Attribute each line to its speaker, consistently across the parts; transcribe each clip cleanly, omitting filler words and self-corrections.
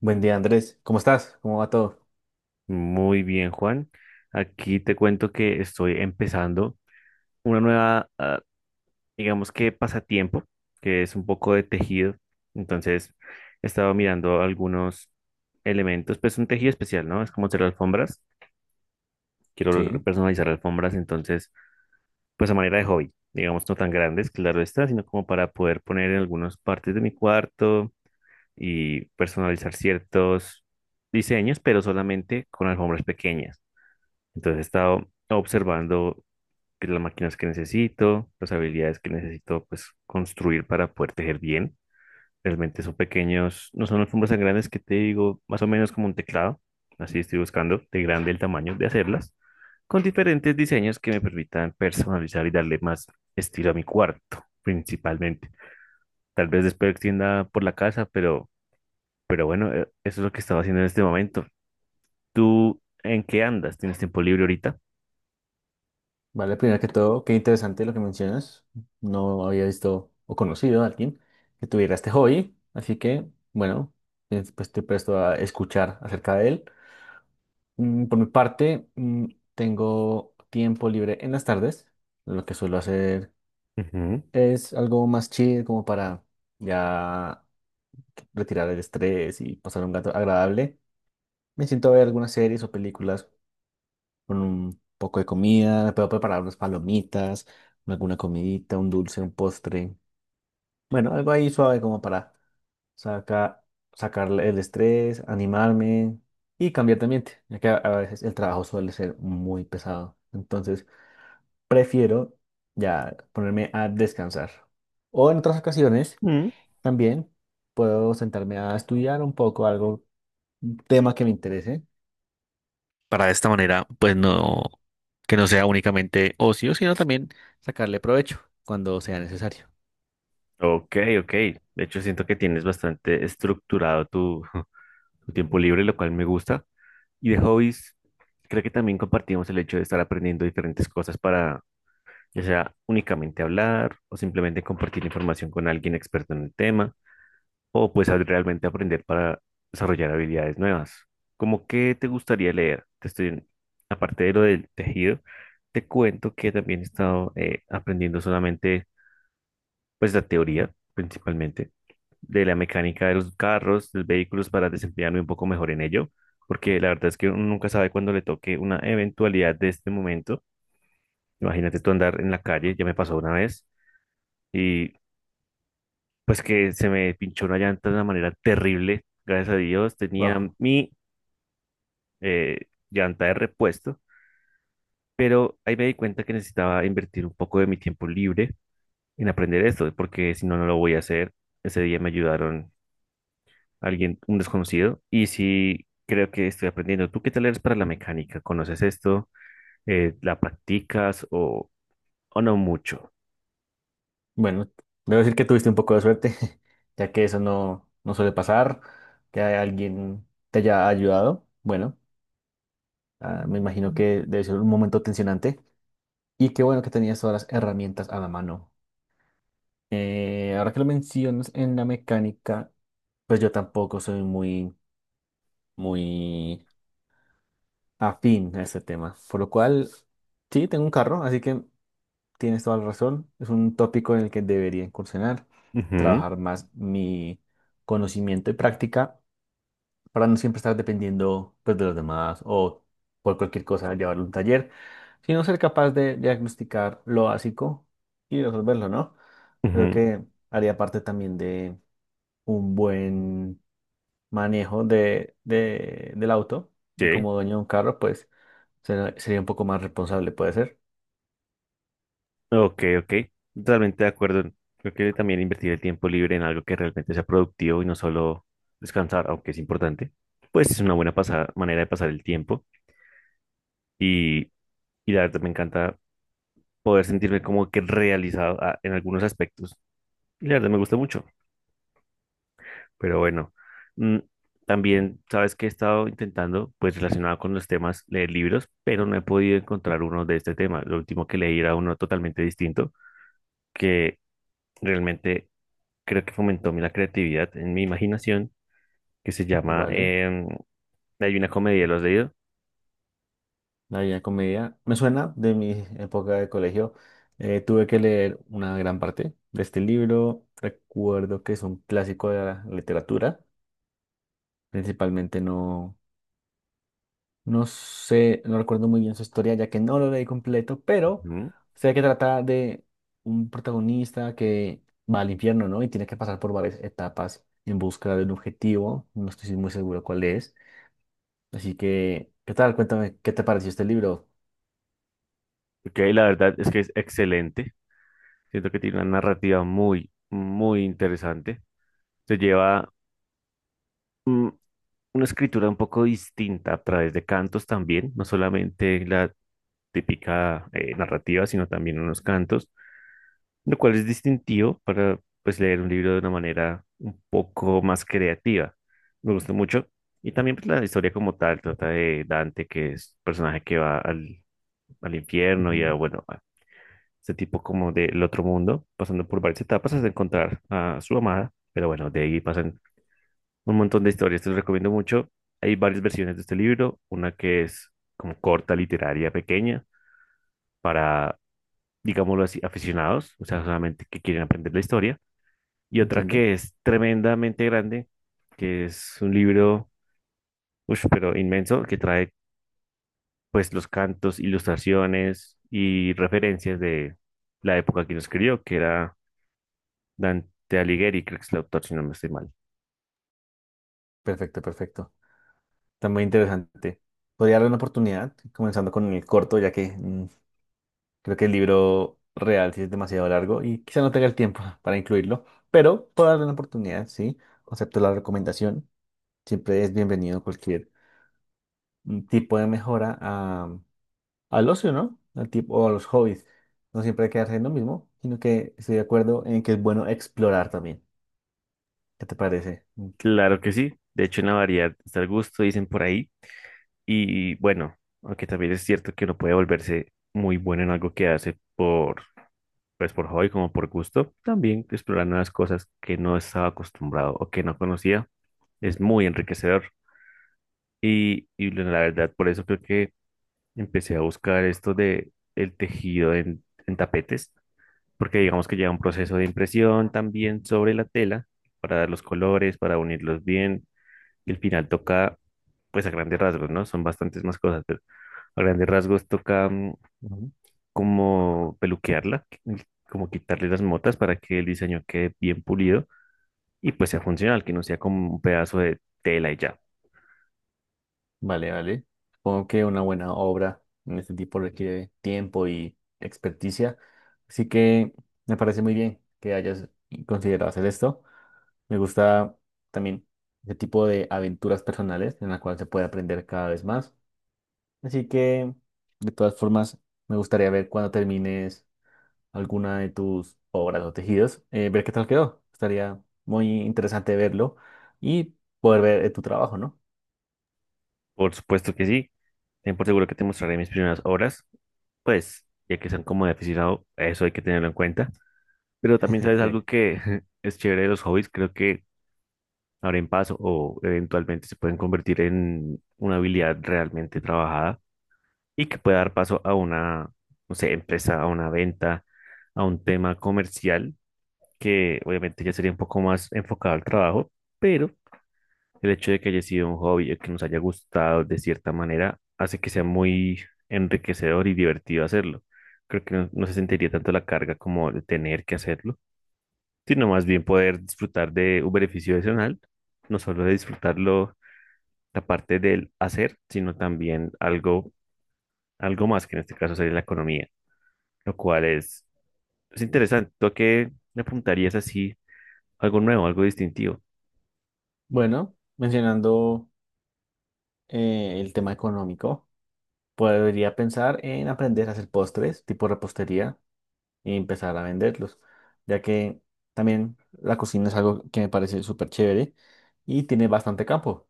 Speaker 1: Buen día, Andrés. ¿Cómo estás? ¿Cómo va todo?
Speaker 2: Muy bien, Juan. Aquí te cuento que estoy empezando una nueva, digamos que pasatiempo, que es un poco de tejido. Entonces, he estado mirando algunos elementos, pues un tejido especial, ¿no? Es como hacer alfombras. Quiero
Speaker 1: Sí,
Speaker 2: personalizar alfombras, entonces, pues a manera de hobby, digamos, no tan grandes, claro está, sino como para poder poner en algunas partes de mi cuarto y personalizar ciertos diseños, pero solamente con alfombras pequeñas. Entonces he estado observando que las máquinas que necesito, las habilidades que necesito pues construir para poder tejer bien. Realmente son pequeños, no son alfombras tan grandes que te digo, más o menos como un teclado. Así estoy buscando de grande el tamaño de hacerlas, con diferentes diseños que me permitan personalizar y darle más estilo a mi cuarto, principalmente. Tal vez después extienda por la casa, pero bueno, eso es lo que estaba haciendo en este momento. ¿Tú en qué andas? ¿Tienes tiempo libre ahorita?
Speaker 1: vale, primero que todo, qué interesante lo que mencionas. No había visto o conocido a alguien que tuviera este hobby, así que, bueno, pues estoy presto a escuchar acerca de él. Por mi parte, tengo tiempo libre en las tardes. Lo que suelo hacer
Speaker 2: Ujú.
Speaker 1: es algo más chill, como para ya retirar el estrés y pasar un gato agradable. Me siento a ver algunas series o películas con un poco de comida, puedo preparar unas palomitas, alguna comidita, un dulce, un postre. Bueno, algo ahí suave como para sacar, sacar el estrés, animarme y cambiar de ambiente, ya que a veces el trabajo suele ser muy pesado. Entonces, prefiero ya ponerme a descansar. O en otras ocasiones
Speaker 2: Mm,
Speaker 1: también puedo sentarme a estudiar un poco algo, un tema que me interese para de esta manera, pues no, que no sea únicamente ocio, sino también sacarle provecho cuando sea necesario.
Speaker 2: Ok, ok. De hecho, siento que tienes bastante estructurado tu, tu tiempo libre, lo cual me gusta. Y de hobbies, creo que también compartimos el hecho de estar aprendiendo diferentes cosas para, ya sea únicamente hablar o simplemente compartir información con alguien experto en el tema, o pues al realmente aprender para desarrollar habilidades nuevas. ¿Cómo qué te gustaría leer? Te estoy, aparte de lo del tejido, te cuento que también he estado aprendiendo solamente pues la teoría principalmente de la mecánica de los carros, de los vehículos para desempeñarme un poco mejor en ello, porque la verdad es que uno nunca sabe cuándo le toque una eventualidad de este momento. Imagínate tú andar en la calle, ya me pasó una vez, y pues que se me pinchó una llanta de una manera terrible, gracias a Dios, tenía
Speaker 1: Wow.
Speaker 2: mi eh, llanta de repuesto, pero ahí me di cuenta que necesitaba invertir un poco de mi tiempo libre en aprender esto, porque si no, no lo voy a hacer. Ese día me ayudaron alguien, un desconocido, y sí creo que estoy aprendiendo. ¿Tú qué tal eres para la mecánica? ¿Conoces esto? ¿La practicas o no mucho?
Speaker 1: Bueno, debo decir que tuviste un poco de suerte, ya que eso no, no suele pasar, que alguien te haya ayudado. Bueno, me imagino que debe ser un momento tensionante y qué bueno que tenías todas las herramientas a la mano. Ahora que lo mencionas en la mecánica, pues yo tampoco soy muy afín a este tema. Por lo cual, sí, tengo un carro, así que tienes toda la razón. Es un tópico en el que debería incursionar,
Speaker 2: Ujú,
Speaker 1: trabajar más mi conocimiento y práctica para no siempre estar dependiendo pues, de los demás o por cualquier cosa llevarlo a un taller, sino ser capaz de diagnosticar lo básico y resolverlo, ¿no?
Speaker 2: ujú,
Speaker 1: Creo que haría parte también de un buen manejo del auto y
Speaker 2: sí.
Speaker 1: como dueño de un carro, pues Sería un poco más responsable, puede ser.
Speaker 2: Ok, ok. Totalmente de acuerdo. Creo que también invertir el tiempo libre en algo que realmente sea productivo y no solo descansar, aunque es importante, pues es una buena manera de pasar el tiempo. Y, y la verdad me encanta poder sentirme como que realizado en algunos aspectos. Y la verdad me gusta mucho. Pero bueno, mm, también sabes que he estado intentando, pues relacionado con los temas, leer libros, pero no he podido encontrar uno de este tema. Lo último que leí era uno totalmente distinto, que realmente creo que fomentó mi la creatividad en mi imaginación, que se llama
Speaker 1: Vale.
Speaker 2: Hay una comedia, ¿lo has leído?
Speaker 1: La Divina Comedia. Me suena de mi época de colegio. Tuve que leer una gran parte de este libro. Recuerdo que es un clásico de la literatura. Principalmente no, no sé, no recuerdo muy bien su historia, ya que no lo leí completo, pero
Speaker 2: Ujú.
Speaker 1: sé que trata de un protagonista que va al infierno, ¿no? Y tiene que pasar por varias etapas en busca de un objetivo. No estoy muy seguro cuál es. Así que, ¿qué tal? Cuéntame, ¿qué te pareció este libro?
Speaker 2: Ok, la verdad es que es excelente. Siento que tiene una narrativa muy interesante. Se lleva una escritura un poco distinta a través de cantos también, no solamente la típica narrativa, sino también unos cantos, lo cual es distintivo para pues leer un libro de una manera un poco más creativa. Me gusta mucho. Y también pues, la historia como tal trata de Dante, que es un personaje que va al infierno y a,
Speaker 1: Ujú.
Speaker 2: bueno, a ese tipo como del otro mundo, pasando por varias etapas hasta encontrar a su amada, pero bueno, de ahí pasan un montón de historias, te lo recomiendo mucho. Hay varias versiones de este libro, una que es como corta, literaria, pequeña, para, digámoslo así, aficionados, o sea, solamente que quieren aprender la historia, y otra
Speaker 1: Entiendo.
Speaker 2: que es tremendamente grande, que es un libro, ush, pero inmenso, que trae pues los cantos, ilustraciones y referencias de la época que lo escribió, que era Dante Alighieri, creo que es el autor, si no me estoy mal.
Speaker 1: Perfecto, perfecto. Está muy interesante. Podría darle una oportunidad, comenzando con el corto, ya que creo que el libro real sí es demasiado largo y quizá no tenga el tiempo para incluirlo, pero puedo darle una oportunidad, sí. Acepto la recomendación. Siempre es bienvenido cualquier tipo de mejora al ocio, ¿no? Al tipo, o a los hobbies. No siempre hay que quedarse en lo mismo, sino que estoy de acuerdo en que es bueno explorar también. ¿Qué te parece?
Speaker 2: Claro que sí, de hecho en la variedad está el gusto, dicen por ahí. Y bueno, aunque también es cierto que uno puede volverse muy bueno en algo que hace por, pues por hobby como por gusto, también explorar nuevas cosas que no estaba acostumbrado o que no conocía es muy enriquecedor. Y bueno, la verdad, por eso creo que empecé a buscar esto de el tejido en tapetes, porque digamos que lleva un proceso de impresión también sobre la tela para dar los colores, para unirlos bien. Y al final toca, pues a grandes rasgos, ¿no? Son bastantes más cosas, pero a grandes rasgos toca
Speaker 1: Ujú.
Speaker 2: como peluquearla, como quitarle las motas para que el diseño quede bien pulido y pues sea funcional, que no sea como un pedazo de tela y ya.
Speaker 1: Vale, vale. Supongo que una buena obra en este tipo requiere tiempo y experticia. Así que me parece muy bien que hayas considerado hacer esto. Me gusta también ese tipo de aventuras personales en la cual se puede aprender cada vez más. Así que, de todas formas, me gustaría ver cuando termines alguna de tus obras o tejidos, ver qué tal quedó. Estaría muy interesante verlo y poder ver tu trabajo, ¿no?
Speaker 2: Por supuesto que sí, ten por seguro que te mostraré mis primeras obras, pues ya que son como de aficionado, eso hay que tenerlo en cuenta. Pero también sabes algo
Speaker 1: Sí.
Speaker 2: que es chévere de los hobbies, creo que abren paso o eventualmente se pueden convertir en una habilidad realmente trabajada y que pueda dar paso a una, no sé, empresa, a una venta, a un tema comercial, que obviamente ya sería un poco más enfocado al trabajo, pero el hecho de que haya sido un hobby o que nos haya gustado de cierta manera hace que sea muy enriquecedor y divertido hacerlo. Creo que no, no se sentiría tanto la carga como de tener que hacerlo, sino más bien poder disfrutar de un beneficio adicional, no solo de disfrutarlo la parte del hacer, sino también algo, algo más, que en este caso sería la economía. Lo cual es interesante. ¿Tú a qué le apuntarías así? Algo nuevo, algo distintivo.
Speaker 1: Bueno, mencionando el tema económico, podría pensar en aprender a hacer postres, tipo repostería, y empezar a venderlos, ya que también la cocina es algo que me parece súper chévere y tiene bastante campo.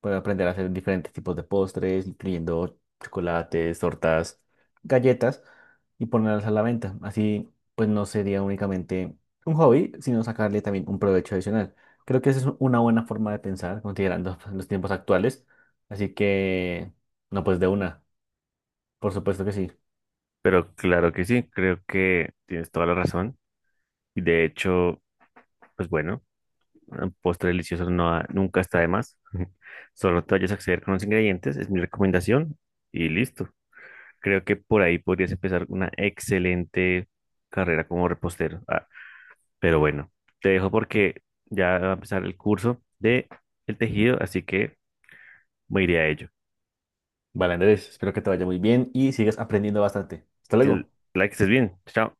Speaker 1: Puedo aprender a hacer diferentes tipos de postres, incluyendo chocolates, tortas, galletas y ponerlas a la venta. Así, pues no sería únicamente un hobby, sino sacarle también un provecho adicional. Creo que esa es una buena forma de pensar, considerando pues, los tiempos actuales. Así que, no, pues de una, por supuesto que sí.
Speaker 2: Pero claro que sí, creo que tienes toda la razón. Y de hecho, pues bueno, un postre delicioso nunca está de más. Solo te vayas a acceder con los ingredientes, es mi recomendación. Y listo. Creo que por ahí podrías empezar una excelente carrera como repostero. Ah, pero bueno, te dejo porque ya va a empezar el curso de el tejido, así que me iré a ello.
Speaker 1: Vale, Andrés, espero que te vaya muy bien y sigas aprendiendo bastante. Hasta
Speaker 2: Que
Speaker 1: luego.
Speaker 2: la estés bien. Chao.